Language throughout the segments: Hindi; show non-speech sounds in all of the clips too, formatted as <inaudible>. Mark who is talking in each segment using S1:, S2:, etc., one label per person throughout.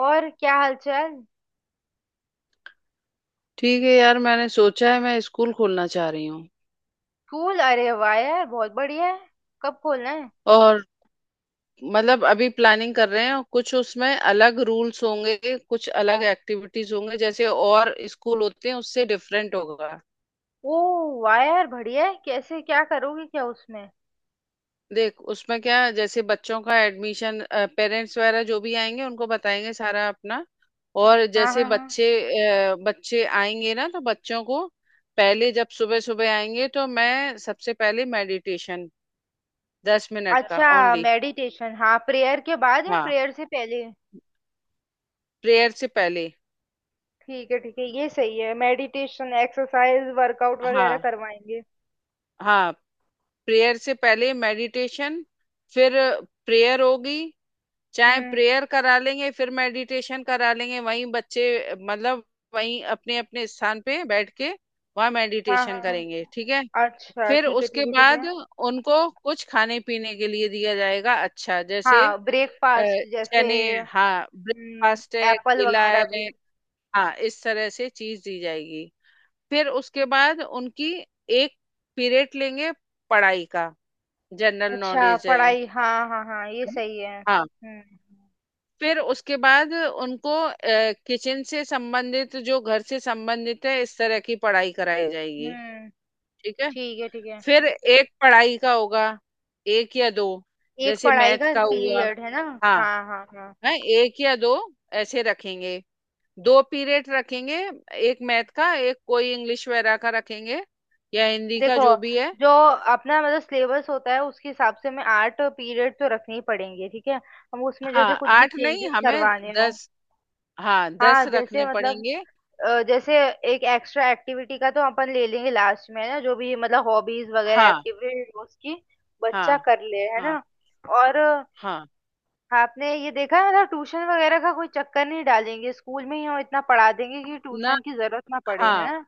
S1: और क्या हालचाल।
S2: ठीक है यार। मैंने सोचा है मैं स्कूल खोलना चाह रही हूँ।
S1: स्कूल। अरे वाह यार बहुत बढ़िया है। कब खोलना है।
S2: और मतलब अभी प्लानिंग कर रहे हैं और कुछ उसमें अलग रूल्स होंगे, कुछ अलग एक्टिविटीज होंगे। जैसे और स्कूल होते हैं उससे डिफरेंट होगा।
S1: ओ वाह यार बढ़िया है। कैसे क्या करोगे क्या उसमें।
S2: देख उसमें क्या है, जैसे बच्चों का एडमिशन, पेरेंट्स वगैरह जो भी आएंगे उनको बताएंगे सारा अपना। और
S1: हाँ
S2: जैसे
S1: हाँ
S2: बच्चे
S1: हाँ।
S2: बच्चे आएंगे ना तो बच्चों को पहले जब सुबह सुबह आएंगे तो मैं सबसे पहले मेडिटेशन, 10 मिनट का
S1: अच्छा
S2: ओनली।
S1: मेडिटेशन। हाँ प्रेयर के बाद या
S2: हाँ।
S1: प्रेयर से पहले।
S2: प्रेयर से पहले।
S1: ठीक है ये सही है। मेडिटेशन एक्सरसाइज वर्कआउट वगैरह
S2: हाँ
S1: करवाएंगे।
S2: हाँ, प्रेयर से पहले मेडिटेशन, फिर प्रेयर होगी। चाहे
S1: हम्म।
S2: प्रेयर करा लेंगे फिर मेडिटेशन करा लेंगे वहीं बच्चे। मतलब वहीं अपने अपने स्थान पे बैठ के वहाँ
S1: हाँ हाँ
S2: मेडिटेशन
S1: हाँ।
S2: करेंगे, ठीक है।
S1: अच्छा
S2: फिर
S1: ठीक है
S2: उसके
S1: ठीक है ठीक
S2: बाद
S1: है।
S2: उनको कुछ खाने पीने के लिए दिया जाएगा। अच्छा, जैसे
S1: हाँ
S2: अ,
S1: ब्रेकफास्ट जैसे।
S2: चने, हाँ ब्रेकफास्ट है,
S1: एप्पल
S2: केला
S1: वगैरह भी।
S2: है। हाँ, इस तरह से चीज दी जाएगी। फिर उसके बाद उनकी एक पीरियड लेंगे पढ़ाई का, जनरल
S1: अच्छा
S2: नॉलेज है
S1: पढ़ाई हाँ हाँ हाँ ये
S2: ना?
S1: सही है।
S2: हाँ। फिर उसके बाद उनको किचन से संबंधित, जो घर से संबंधित है, इस तरह की पढ़ाई कराई जाएगी।
S1: हम्म।
S2: ठीक है।
S1: ठीक है ठीक है।
S2: फिर एक पढ़ाई का होगा, एक या दो,
S1: एक
S2: जैसे
S1: पढ़ाई
S2: मैथ
S1: का
S2: का हुआ।
S1: पीरियड है ना।
S2: हाँ,
S1: हाँ हाँ हाँ।
S2: है एक या दो ऐसे रखेंगे। दो पीरियड रखेंगे, एक मैथ का, एक कोई इंग्लिश वगैरह का रखेंगे, या हिंदी का,
S1: देखो
S2: जो भी है।
S1: जो अपना मतलब सिलेबस होता है उसके हिसाब से हमें 8 पीरियड तो रखने ही पड़ेंगे। ठीक है हम उसमें
S2: हाँ
S1: जैसे कुछ भी
S2: 8 नहीं,
S1: चेंजेस
S2: हमें
S1: करवाने हो।
S2: 10। हाँ
S1: हाँ
S2: 10
S1: जैसे
S2: रखने
S1: मतलब
S2: पड़ेंगे।
S1: जैसे एक एक्स्ट्रा एक्टिविटी का तो अपन ले लेंगे लास्ट में है ना जो भी मतलब हॉबीज वगैरह
S2: हाँ
S1: एक्टिविटी उसकी
S2: हाँ
S1: बच्चा कर ले है
S2: हाँ।
S1: ना। और
S2: हाँ।
S1: आपने ये देखा है मतलब ट्यूशन वगैरह का कोई चक्कर नहीं डालेंगे स्कूल में ही हम इतना पढ़ा देंगे कि
S2: ना।
S1: ट्यूशन की जरूरत ना पड़े
S2: हाँ,
S1: है ना।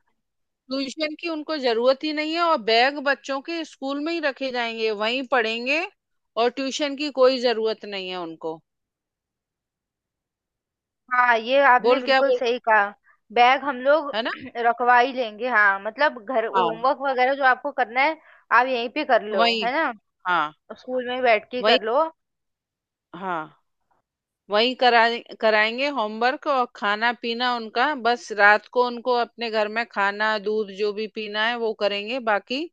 S2: ट्यूशन की उनको जरूरत ही नहीं है और बैग बच्चों के स्कूल में ही रखे जाएंगे, वहीं पढ़ेंगे। और ट्यूशन की कोई जरूरत नहीं है उनको।
S1: हाँ ये आपने
S2: बोल, क्या
S1: बिल्कुल
S2: बोल।
S1: सही कहा। बैग हम लोग
S2: है ना।
S1: <clears throat> रखवा ही लेंगे। हाँ मतलब घर
S2: हाँ।
S1: होमवर्क वगैरह जो आपको करना है आप यहीं पे कर लो
S2: वही,
S1: है ना।
S2: हाँ
S1: स्कूल में ही बैठ के ही
S2: वही,
S1: कर लो।
S2: हाँ वही। करा कराएंगे होमवर्क, और खाना पीना उनका, बस रात को उनको अपने घर में खाना दूध जो भी पीना है वो करेंगे, बाकी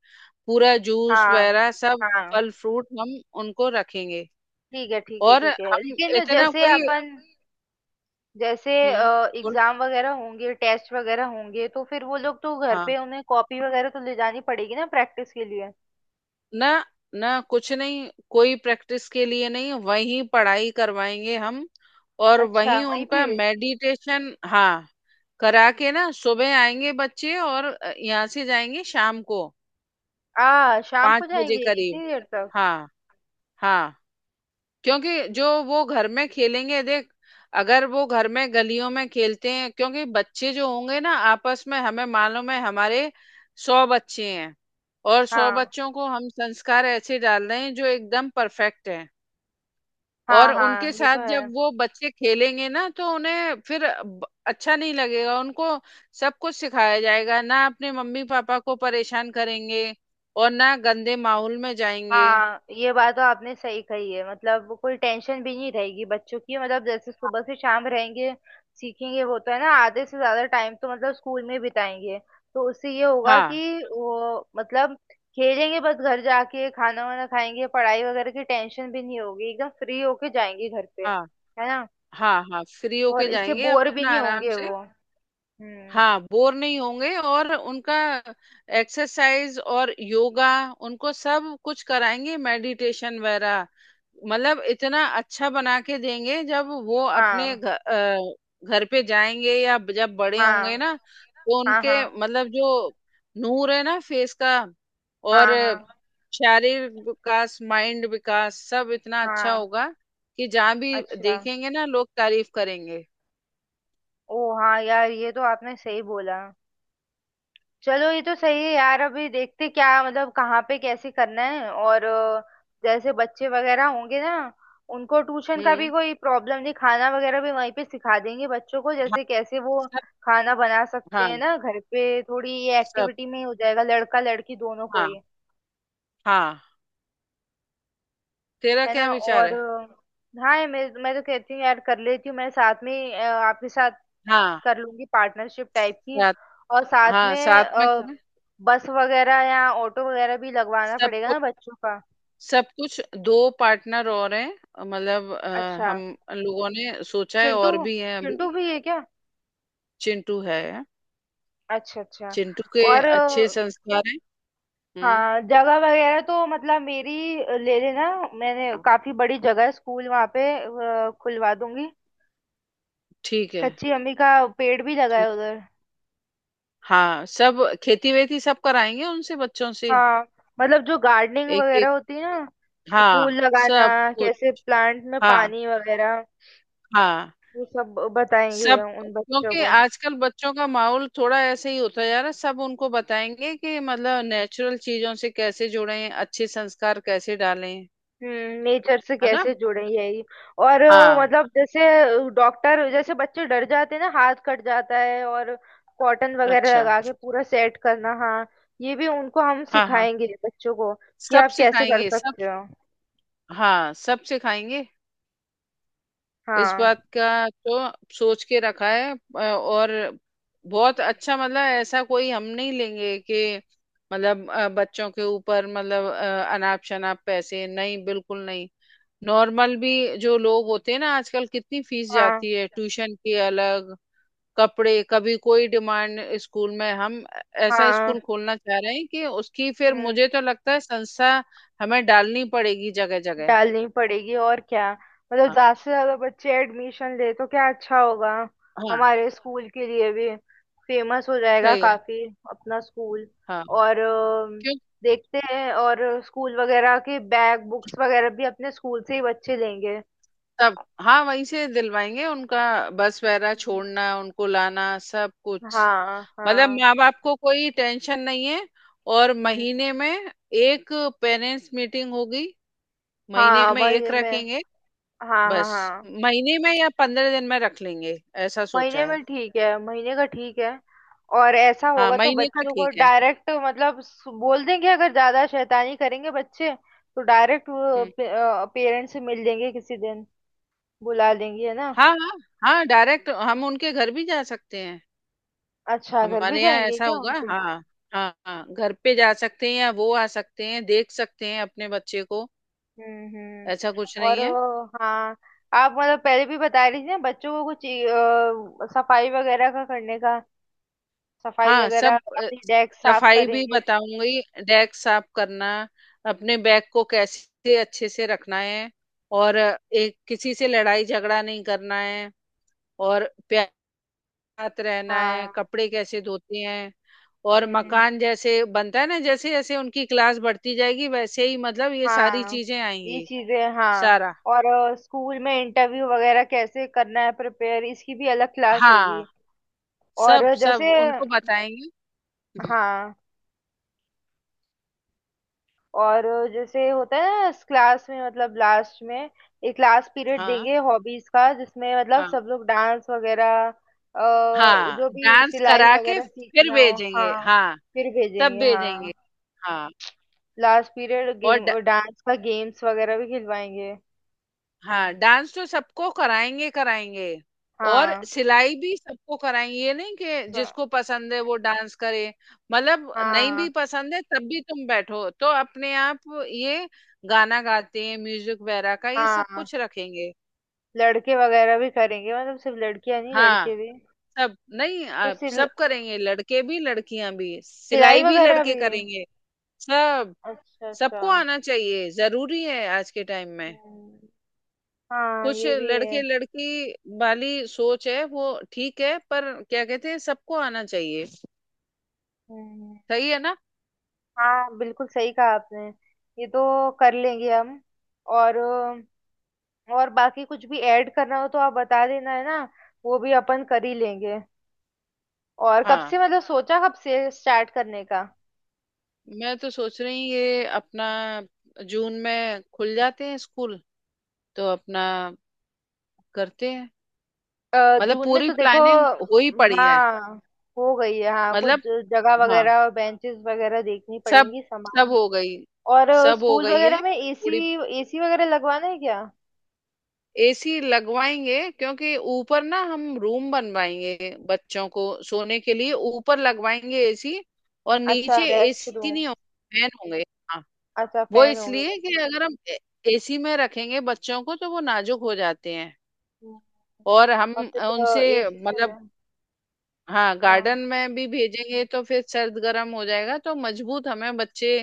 S2: पूरा जूस
S1: हाँ
S2: वगैरह सब,
S1: हाँ।
S2: फल फ्रूट हम उनको रखेंगे।
S1: ठीक है ठीक है
S2: और
S1: ठीक है
S2: हम
S1: लेकिन
S2: इतना
S1: जैसे
S2: कोई।
S1: अपन जैसे
S2: हम्म। बोल।
S1: एग्जाम वगैरह होंगे टेस्ट वगैरह होंगे तो फिर वो लोग तो घर
S2: हाँ।
S1: पे उन्हें कॉपी वगैरह तो ले जानी पड़ेगी ना प्रैक्टिस के लिए।
S2: ना। ना कुछ नहीं, कोई प्रैक्टिस के लिए नहीं, वहीं पढ़ाई करवाएंगे हम। और
S1: अच्छा
S2: वहीं
S1: वहीं पे।
S2: उनका मेडिटेशन, हाँ करा के ना, सुबह आएंगे बच्चे और यहाँ से जाएंगे शाम को
S1: आ शाम
S2: पाँच
S1: को
S2: बजे
S1: जाएंगे
S2: करीब।
S1: इतनी देर तक।
S2: हाँ हाँ, क्योंकि जो वो घर में खेलेंगे देख, अगर वो घर में गलियों में खेलते हैं क्योंकि बच्चे जो होंगे ना, आपस में हमें मालूम है, हमारे 100 बच्चे हैं। और सौ
S1: हाँ
S2: बच्चों को हम संस्कार ऐसे डाल रहे हैं जो एकदम परफेक्ट हैं। और
S1: हाँ
S2: उनके
S1: हाँ ये
S2: साथ
S1: तो
S2: जब
S1: है।
S2: वो बच्चे खेलेंगे ना, तो उन्हें फिर अच्छा नहीं लगेगा, उनको सब कुछ सिखाया जाएगा ना, अपने मम्मी पापा को परेशान करेंगे और ना गंदे माहौल में जाएंगे।
S1: हाँ ये बात तो आपने सही कही है मतलब वो कोई टेंशन भी नहीं रहेगी बच्चों की मतलब जैसे सुबह से शाम रहेंगे सीखेंगे वो तो है ना आधे से ज्यादा टाइम तो मतलब स्कूल में बिताएंगे तो उससे ये होगा
S2: हाँ
S1: कि वो मतलब खेलेंगे बस घर जाके खाना वाना खाएंगे पढ़ाई वगैरह की टेंशन भी नहीं होगी एकदम फ्री होके जाएंगे घर पे
S2: हाँ
S1: है ना।
S2: हाँ। हाँ फ्री होके
S1: और इससे
S2: जाएंगे
S1: बोर भी
S2: अपना
S1: नहीं
S2: आराम
S1: होंगे
S2: से।
S1: वो। हम्म।
S2: हाँ बोर नहीं होंगे और उनका एक्सरसाइज और योगा, उनको सब कुछ कराएंगे, मेडिटेशन वगैरह। मतलब इतना अच्छा बना के देंगे जब वो अपने
S1: हाँ
S2: घर पे जाएंगे या जब बड़े होंगे
S1: हाँ
S2: ना, तो
S1: हाँ हाँ
S2: उनके मतलब जो नूर है ना फेस का, और
S1: हाँ हाँ
S2: शारीरिक विकास, माइंड विकास, सब इतना अच्छा
S1: हाँ।
S2: होगा कि जहाँ भी
S1: अच्छा।
S2: देखेंगे ना, लोग तारीफ करेंगे।
S1: ओ हाँ यार ये तो आपने सही बोला। चलो ये तो सही है यार अभी देखते क्या मतलब कहाँ पे कैसे करना है और जैसे बच्चे वगैरह होंगे ना उनको ट्यूशन का भी
S2: हम्म।
S1: कोई प्रॉब्लम नहीं खाना वगैरह भी वहीं पे सिखा देंगे बच्चों को
S2: हाँ
S1: जैसे कैसे वो
S2: सब।
S1: खाना बना सकते
S2: हाँ
S1: हैं ना घर पे थोड़ी ये
S2: सब।
S1: एक्टिविटी में ही हो जाएगा लड़का लड़की दोनों को
S2: हाँ
S1: ही
S2: हाँ। तेरा
S1: है
S2: क्या
S1: ना।
S2: विचार
S1: और
S2: है।
S1: हाँ मैं तो कहती हूँ यार कर लेती हूँ मैं साथ में आपके साथ
S2: हाँ
S1: कर लूंगी पार्टनरशिप टाइप की।
S2: साथ।
S1: और साथ
S2: हाँ
S1: में
S2: साथ में
S1: अ,
S2: करें।
S1: बस वगैरह या ऑटो वगैरह भी लगवाना
S2: सब
S1: पड़ेगा
S2: कुछ,
S1: ना बच्चों का।
S2: सब कुछ। दो पार्टनर और हैं। मतलब
S1: अच्छा
S2: हम लोगों ने सोचा है,
S1: चिंटू।
S2: और भी हैं अभी।
S1: चिंटू भी है क्या।
S2: चिंटू है।
S1: अच्छा अच्छा।
S2: चिंटू के
S1: और
S2: अच्छे संस्कार हैं। हम्म।
S1: हाँ जगह वगैरह तो मतलब मेरी ले लेना मैंने काफी बड़ी जगह है स्कूल वहाँ पे खुलवा दूंगी।
S2: ठीक है।
S1: कच्ची अम्मी का पेड़ भी लगा
S2: ठीक।
S1: है उधर।
S2: हाँ सब, खेती वेती सब कराएंगे उनसे, बच्चों से।
S1: हाँ मतलब जो गार्डनिंग
S2: एक एक।
S1: वगैरह होती है ना
S2: हाँ।
S1: फूल लगाना
S2: सब कुछ।
S1: कैसे प्लांट में
S2: हाँ
S1: पानी वगैरह
S2: हाँ।
S1: वो सब बताएंगे
S2: सब,
S1: उन बच्चों
S2: क्योंकि
S1: को।
S2: आजकल बच्चों का माहौल थोड़ा ऐसे ही होता जा रहा है, सब उनको बताएंगे कि मतलब नेचुरल चीजों से कैसे जुड़ें, अच्छे संस्कार कैसे डालें।
S1: नेचर से
S2: है ना।
S1: कैसे जुड़े यही। और
S2: हाँ।
S1: मतलब जैसे डॉक्टर जैसे बच्चे डर जाते हैं ना हाथ कट जाता है और कॉटन वगैरह
S2: अच्छा।
S1: लगा के पूरा सेट करना हाँ। ये भी उनको हम
S2: हाँ हाँ,
S1: सिखाएंगे बच्चों को कि
S2: सब
S1: आप कैसे कर
S2: सिखाएंगे सब।
S1: सकते हो।
S2: हाँ सब सिखाएंगे। इस
S1: हाँ
S2: बात का तो सोच के रखा है और बहुत अच्छा। मतलब ऐसा कोई हम नहीं लेंगे कि मतलब बच्चों के ऊपर, मतलब अनाप शनाप पैसे नहीं, बिल्कुल नहीं। नॉर्मल भी जो लोग होते हैं ना, आजकल कितनी फीस
S1: हाँ
S2: जाती है ट्यूशन की अलग, कपड़े, कभी कोई डिमांड स्कूल में। हम ऐसा
S1: हाँ।
S2: स्कूल खोलना चाह रहे हैं कि उसकी फिर
S1: हम्म।
S2: मुझे तो लगता है संस्था हमें डालनी पड़ेगी जगह जगह।
S1: डालनी पड़ेगी और क्या मतलब
S2: हाँ
S1: ज्यादा से ज्यादा बच्चे एडमिशन ले तो क्या अच्छा होगा
S2: हाँ,
S1: हमारे स्कूल के लिए भी। फेमस हो जाएगा
S2: सही है।
S1: काफी अपना स्कूल।
S2: हाँ,
S1: और
S2: क्यों।
S1: देखते हैं और स्कूल वगैरह के बैग बुक्स वगैरह भी अपने स्कूल से ही बच्चे लेंगे।
S2: तब हाँ, वहीं से दिलवाएंगे उनका, बस वगैरह,
S1: हम्म।
S2: छोड़ना उनको, लाना, सब कुछ।
S1: हाँ
S2: मतलब
S1: हाँ।
S2: माँ बाप को कोई टेंशन नहीं है। और
S1: हम्म।
S2: महीने में एक पेरेंट्स मीटिंग होगी, महीने
S1: हाँ
S2: में एक
S1: महीने में
S2: रखेंगे
S1: हाँ हाँ
S2: बस।
S1: हाँ।
S2: महीने में या 15 दिन में रख लेंगे, ऐसा सोचा
S1: महीने
S2: है।
S1: में ठीक है महीने का ठीक है। और ऐसा
S2: हाँ,
S1: होगा तो
S2: महीने का
S1: बच्चों को
S2: ठीक है।
S1: डायरेक्ट मतलब बोल देंगे अगर ज्यादा शैतानी करेंगे बच्चे तो डायरेक्ट
S2: हम्म।
S1: पेरेंट्स से मिल लेंगे किसी दिन बुला लेंगे है ना।
S2: हाँ हाँ। हाँ, डायरेक्ट हम उनके घर भी जा सकते हैं।
S1: अच्छा घर भी
S2: हमारे यहाँ
S1: जाएंगे
S2: ऐसा
S1: क्या
S2: होगा,
S1: उनके।
S2: हाँ। हाँ हाँ, घर पे जा सकते हैं, या वो आ सकते हैं, देख सकते हैं अपने बच्चे को। ऐसा कुछ
S1: और
S2: नहीं है।
S1: हाँ आप मतलब पहले भी बता रही थी ना बच्चों को कुछ सफाई वगैरह का करने का। सफाई
S2: हाँ
S1: वगैरह
S2: सब
S1: अपनी डेस्क साफ
S2: सफाई भी
S1: करेंगे।
S2: बताऊंगी, डेस्क साफ करना, अपने बैग को कैसे अच्छे से रखना है, और एक, किसी से लड़ाई झगड़ा नहीं करना है, और प्यार के साथ रहना है,
S1: हाँ।
S2: कपड़े कैसे धोते हैं, और
S1: हम्म।
S2: मकान जैसे बनता है ना। जैसे जैसे उनकी क्लास बढ़ती जाएगी, वैसे ही मतलब ये सारी
S1: हाँ
S2: चीजें
S1: ये
S2: आएंगी।
S1: चीजें हाँ।
S2: सारा।
S1: और स्कूल में इंटरव्यू वगैरह कैसे करना है प्रिपेयर इसकी भी अलग क्लास
S2: हाँ
S1: होगी।
S2: सब।
S1: और
S2: सब
S1: जैसे
S2: उनको बताएंगे। हम्म।
S1: हाँ और जैसे होता है ना इस क्लास में मतलब लास्ट में एक क्लास पीरियड
S2: हाँ
S1: देंगे हॉबीज का जिसमें मतलब
S2: हाँ।
S1: सब लोग डांस वगैरह
S2: हाँ
S1: जो भी
S2: डांस
S1: सिलाई
S2: करा के
S1: वगैरह
S2: फिर
S1: सीखना हो
S2: भेजेंगे,
S1: हाँ।
S2: हाँ
S1: फिर
S2: तब
S1: भेजेंगे
S2: भेजेंगे।
S1: हाँ।
S2: हाँ।
S1: लास्ट पीरियड
S2: और
S1: गेम डांस का गेम्स वगैरह भी खिलवाएंगे।
S2: हाँ डांस तो सबको कराएंगे, कराएंगे। और
S1: हाँ
S2: सिलाई भी सबको कराएंगे, ये नहीं कि
S1: स-
S2: जिसको पसंद है वो डांस करे। मतलब नहीं भी
S1: हाँ
S2: पसंद है तब भी तुम बैठो, तो अपने आप ये गाना गाते हैं, म्यूजिक वगैरह का, ये सब
S1: हाँ।
S2: कुछ रखेंगे।
S1: लड़के वगैरह भी करेंगे मतलब सिर्फ लड़कियां नहीं
S2: हाँ
S1: लड़के भी।
S2: सब नहीं
S1: तो
S2: आप, सब करेंगे लड़के भी, लड़कियां भी,
S1: सिलाई
S2: सिलाई भी
S1: वगैरह
S2: लड़के
S1: भी।
S2: करेंगे, सब।
S1: अच्छा अच्छा।
S2: सबको आना चाहिए, जरूरी है आज के टाइम में।
S1: हम्म। हाँ
S2: कुछ
S1: ये भी है।
S2: लड़के लड़की वाली सोच है वो, ठीक है, पर क्या कहते हैं, सबको आना चाहिए।
S1: हम्म।
S2: सही है ना।
S1: हाँ बिल्कुल सही कहा आपने। ये तो कर लेंगे हम। और और बाकी कुछ भी ऐड करना हो तो आप बता देना है ना वो भी अपन कर ही लेंगे। और कब
S2: हाँ,
S1: से मतलब सोचा कब से स्टार्ट करने का।
S2: मैं तो सोच रही हूँ ये अपना जून में खुल जाते हैं स्कूल, तो अपना करते हैं। मतलब
S1: जून में
S2: पूरी
S1: तो देखो।
S2: प्लानिंग हो ही पड़ी है।
S1: हाँ हो गई है हाँ कुछ
S2: मतलब
S1: जगह
S2: हाँ,
S1: वगैरह और बेंचेस वगैरह देखनी
S2: सब,
S1: पड़ेंगी
S2: सब
S1: सामान।
S2: हो गई।
S1: और
S2: सब हो
S1: स्कूल
S2: गई
S1: वगैरह
S2: है
S1: में
S2: पूरी।
S1: एसी एसी वगैरह लगवाना है क्या।
S2: एसी लगवाएंगे, क्योंकि ऊपर ना हम रूम बनवाएंगे बच्चों को सोने के लिए, ऊपर लगवाएंगे एसी। और
S1: अच्छा
S2: नीचे
S1: रेस्ट
S2: एसी
S1: रूम।
S2: नहीं होंगे, फैन होंगे। हाँ,
S1: अच्छा
S2: वो
S1: फैन हो गया।
S2: इसलिए कि अगर हम एसी में रखेंगे बच्चों को, तो वो नाजुक हो जाते हैं।
S1: हम्म।
S2: और हम
S1: और
S2: उनसे
S1: फिर एसी से
S2: मतलब,
S1: है।
S2: हाँ
S1: हाँ
S2: गार्डन में भी भेजेंगे तो फिर सर्द गर्म हो जाएगा, तो मजबूत हमें बच्चे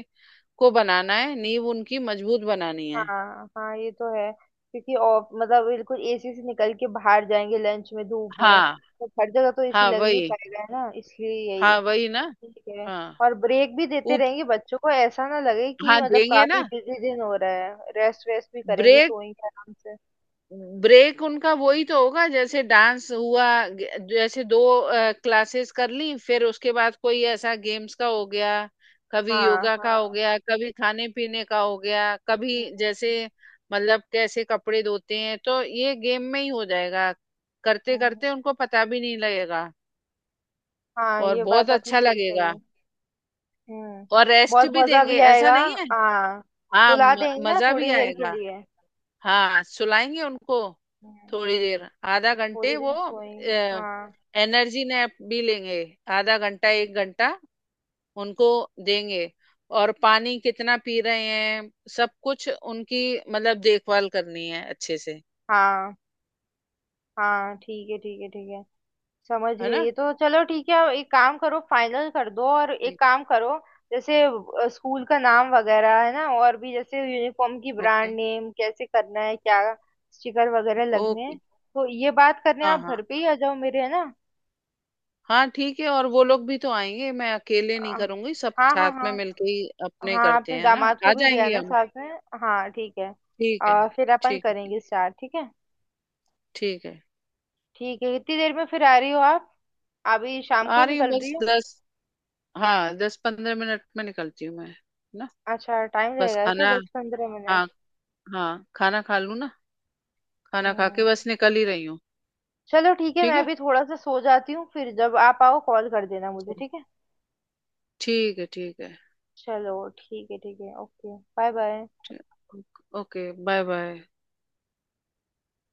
S2: को बनाना है, नींव उनकी मजबूत बनानी है।
S1: हाँ हाँ ये तो है क्योंकि ऑफ मतलब बिल्कुल एसी से निकल के बाहर जाएंगे लंच में धूप में
S2: हाँ
S1: तो हर जगह तो एसी
S2: हाँ
S1: लग नहीं
S2: वही,
S1: पाएगा है ना इसलिए यही।
S2: हाँ वही ना।
S1: ठीक है।
S2: हाँ।
S1: और ब्रेक भी देते रहेंगे बच्चों को ऐसा ना लगे कि
S2: हाँ
S1: मतलब
S2: देंगे ना
S1: काफी बिजी दिन हो रहा है रेस्ट वेस्ट भी करेंगे
S2: ब्रेक।
S1: सोएंगे आराम से।
S2: ब्रेक उनका वही तो होगा, जैसे डांस हुआ, जैसे दो क्लासेस कर ली, फिर उसके बाद कोई ऐसा गेम्स का हो गया, कभी
S1: हाँ
S2: योगा का हो
S1: हाँ।
S2: गया, कभी खाने पीने का हो गया, कभी
S1: हम्म।
S2: जैसे मतलब कैसे कपड़े धोते हैं, तो ये गेम में ही हो जाएगा, करते
S1: हम्म।
S2: करते उनको पता भी नहीं लगेगा।
S1: हाँ
S2: और
S1: ये
S2: बहुत
S1: बात आपने
S2: अच्छा
S1: सही
S2: लगेगा।
S1: कही। हम्म।
S2: और रेस्ट
S1: बहुत
S2: भी
S1: मजा
S2: देंगे,
S1: भी
S2: ऐसा
S1: आएगा।
S2: नहीं है।
S1: हाँ
S2: हाँ
S1: सुला देंगे ना
S2: मजा भी
S1: थोड़ी देर के
S2: आएगा।
S1: लिए।
S2: हाँ सुलाएंगे उनको,
S1: हम्म।
S2: थोड़ी देर, आधा घंटे
S1: थोड़ी
S2: वो।
S1: देर सोएंगे हाँ।
S2: एनर्जी नैप भी लेंगे, आधा घंटा एक घंटा उनको देंगे। और पानी कितना पी रहे हैं, सब कुछ उनकी मतलब देखभाल करनी है अच्छे से।
S1: हाँ हाँ। ठीक है ठीक है ठीक है समझ
S2: है
S1: गई
S2: ना।
S1: है तो चलो ठीक है। एक काम करो फाइनल कर दो और एक काम करो जैसे स्कूल का नाम वगैरह है ना और भी जैसे यूनिफॉर्म की
S2: ओके।
S1: ब्रांड नेम कैसे करना है क्या स्टिकर वगैरह लगने हैं
S2: ओके।
S1: तो ये बात करने
S2: हाँ
S1: आप
S2: हाँ
S1: घर पे ही आ जाओ मेरे है ना।
S2: हाँ, ठीक है। और वो लोग भी तो आएंगे, मैं अकेले
S1: अ,
S2: नहीं करूंगी, सब
S1: हाँ
S2: साथ
S1: हाँ हाँ।
S2: में मिलके ही अपने
S1: हाँ
S2: करते
S1: आपने
S2: हैं ना,
S1: दामाद
S2: आ
S1: को भी दिया
S2: जाएंगे
S1: ना
S2: हम।
S1: साथ में। हाँ ठीक है।
S2: ठीक है।
S1: फिर अपन
S2: ठीक है, ठीक।
S1: करेंगे स्टार्ट ठीक है।
S2: ठीक है।
S1: ठीक है कितनी देर में फिर आ रही हो आप अभी शाम
S2: आ
S1: को
S2: रही हूँ
S1: निकल रही
S2: बस
S1: हो।
S2: 10, हाँ 10-15 मिनट में निकलती हूँ मैं, है ना।
S1: अच्छा टाइम
S2: बस
S1: लगेगा क्या
S2: खाना,
S1: 10-15 मिनट।
S2: हाँ हाँ, खाना खा लूँ ना, खाना खा के
S1: हम्म।
S2: बस निकल ही रही हूँ।
S1: चलो ठीक है
S2: ठीक
S1: मैं
S2: है।
S1: भी थोड़ा सा सो जाती हूँ फिर जब आप आओ कॉल कर देना मुझे ठीक है।
S2: ठीक है ठीक है
S1: चलो ठीक है ओके बाय बाय।
S2: ठीक। Okay, bye bye.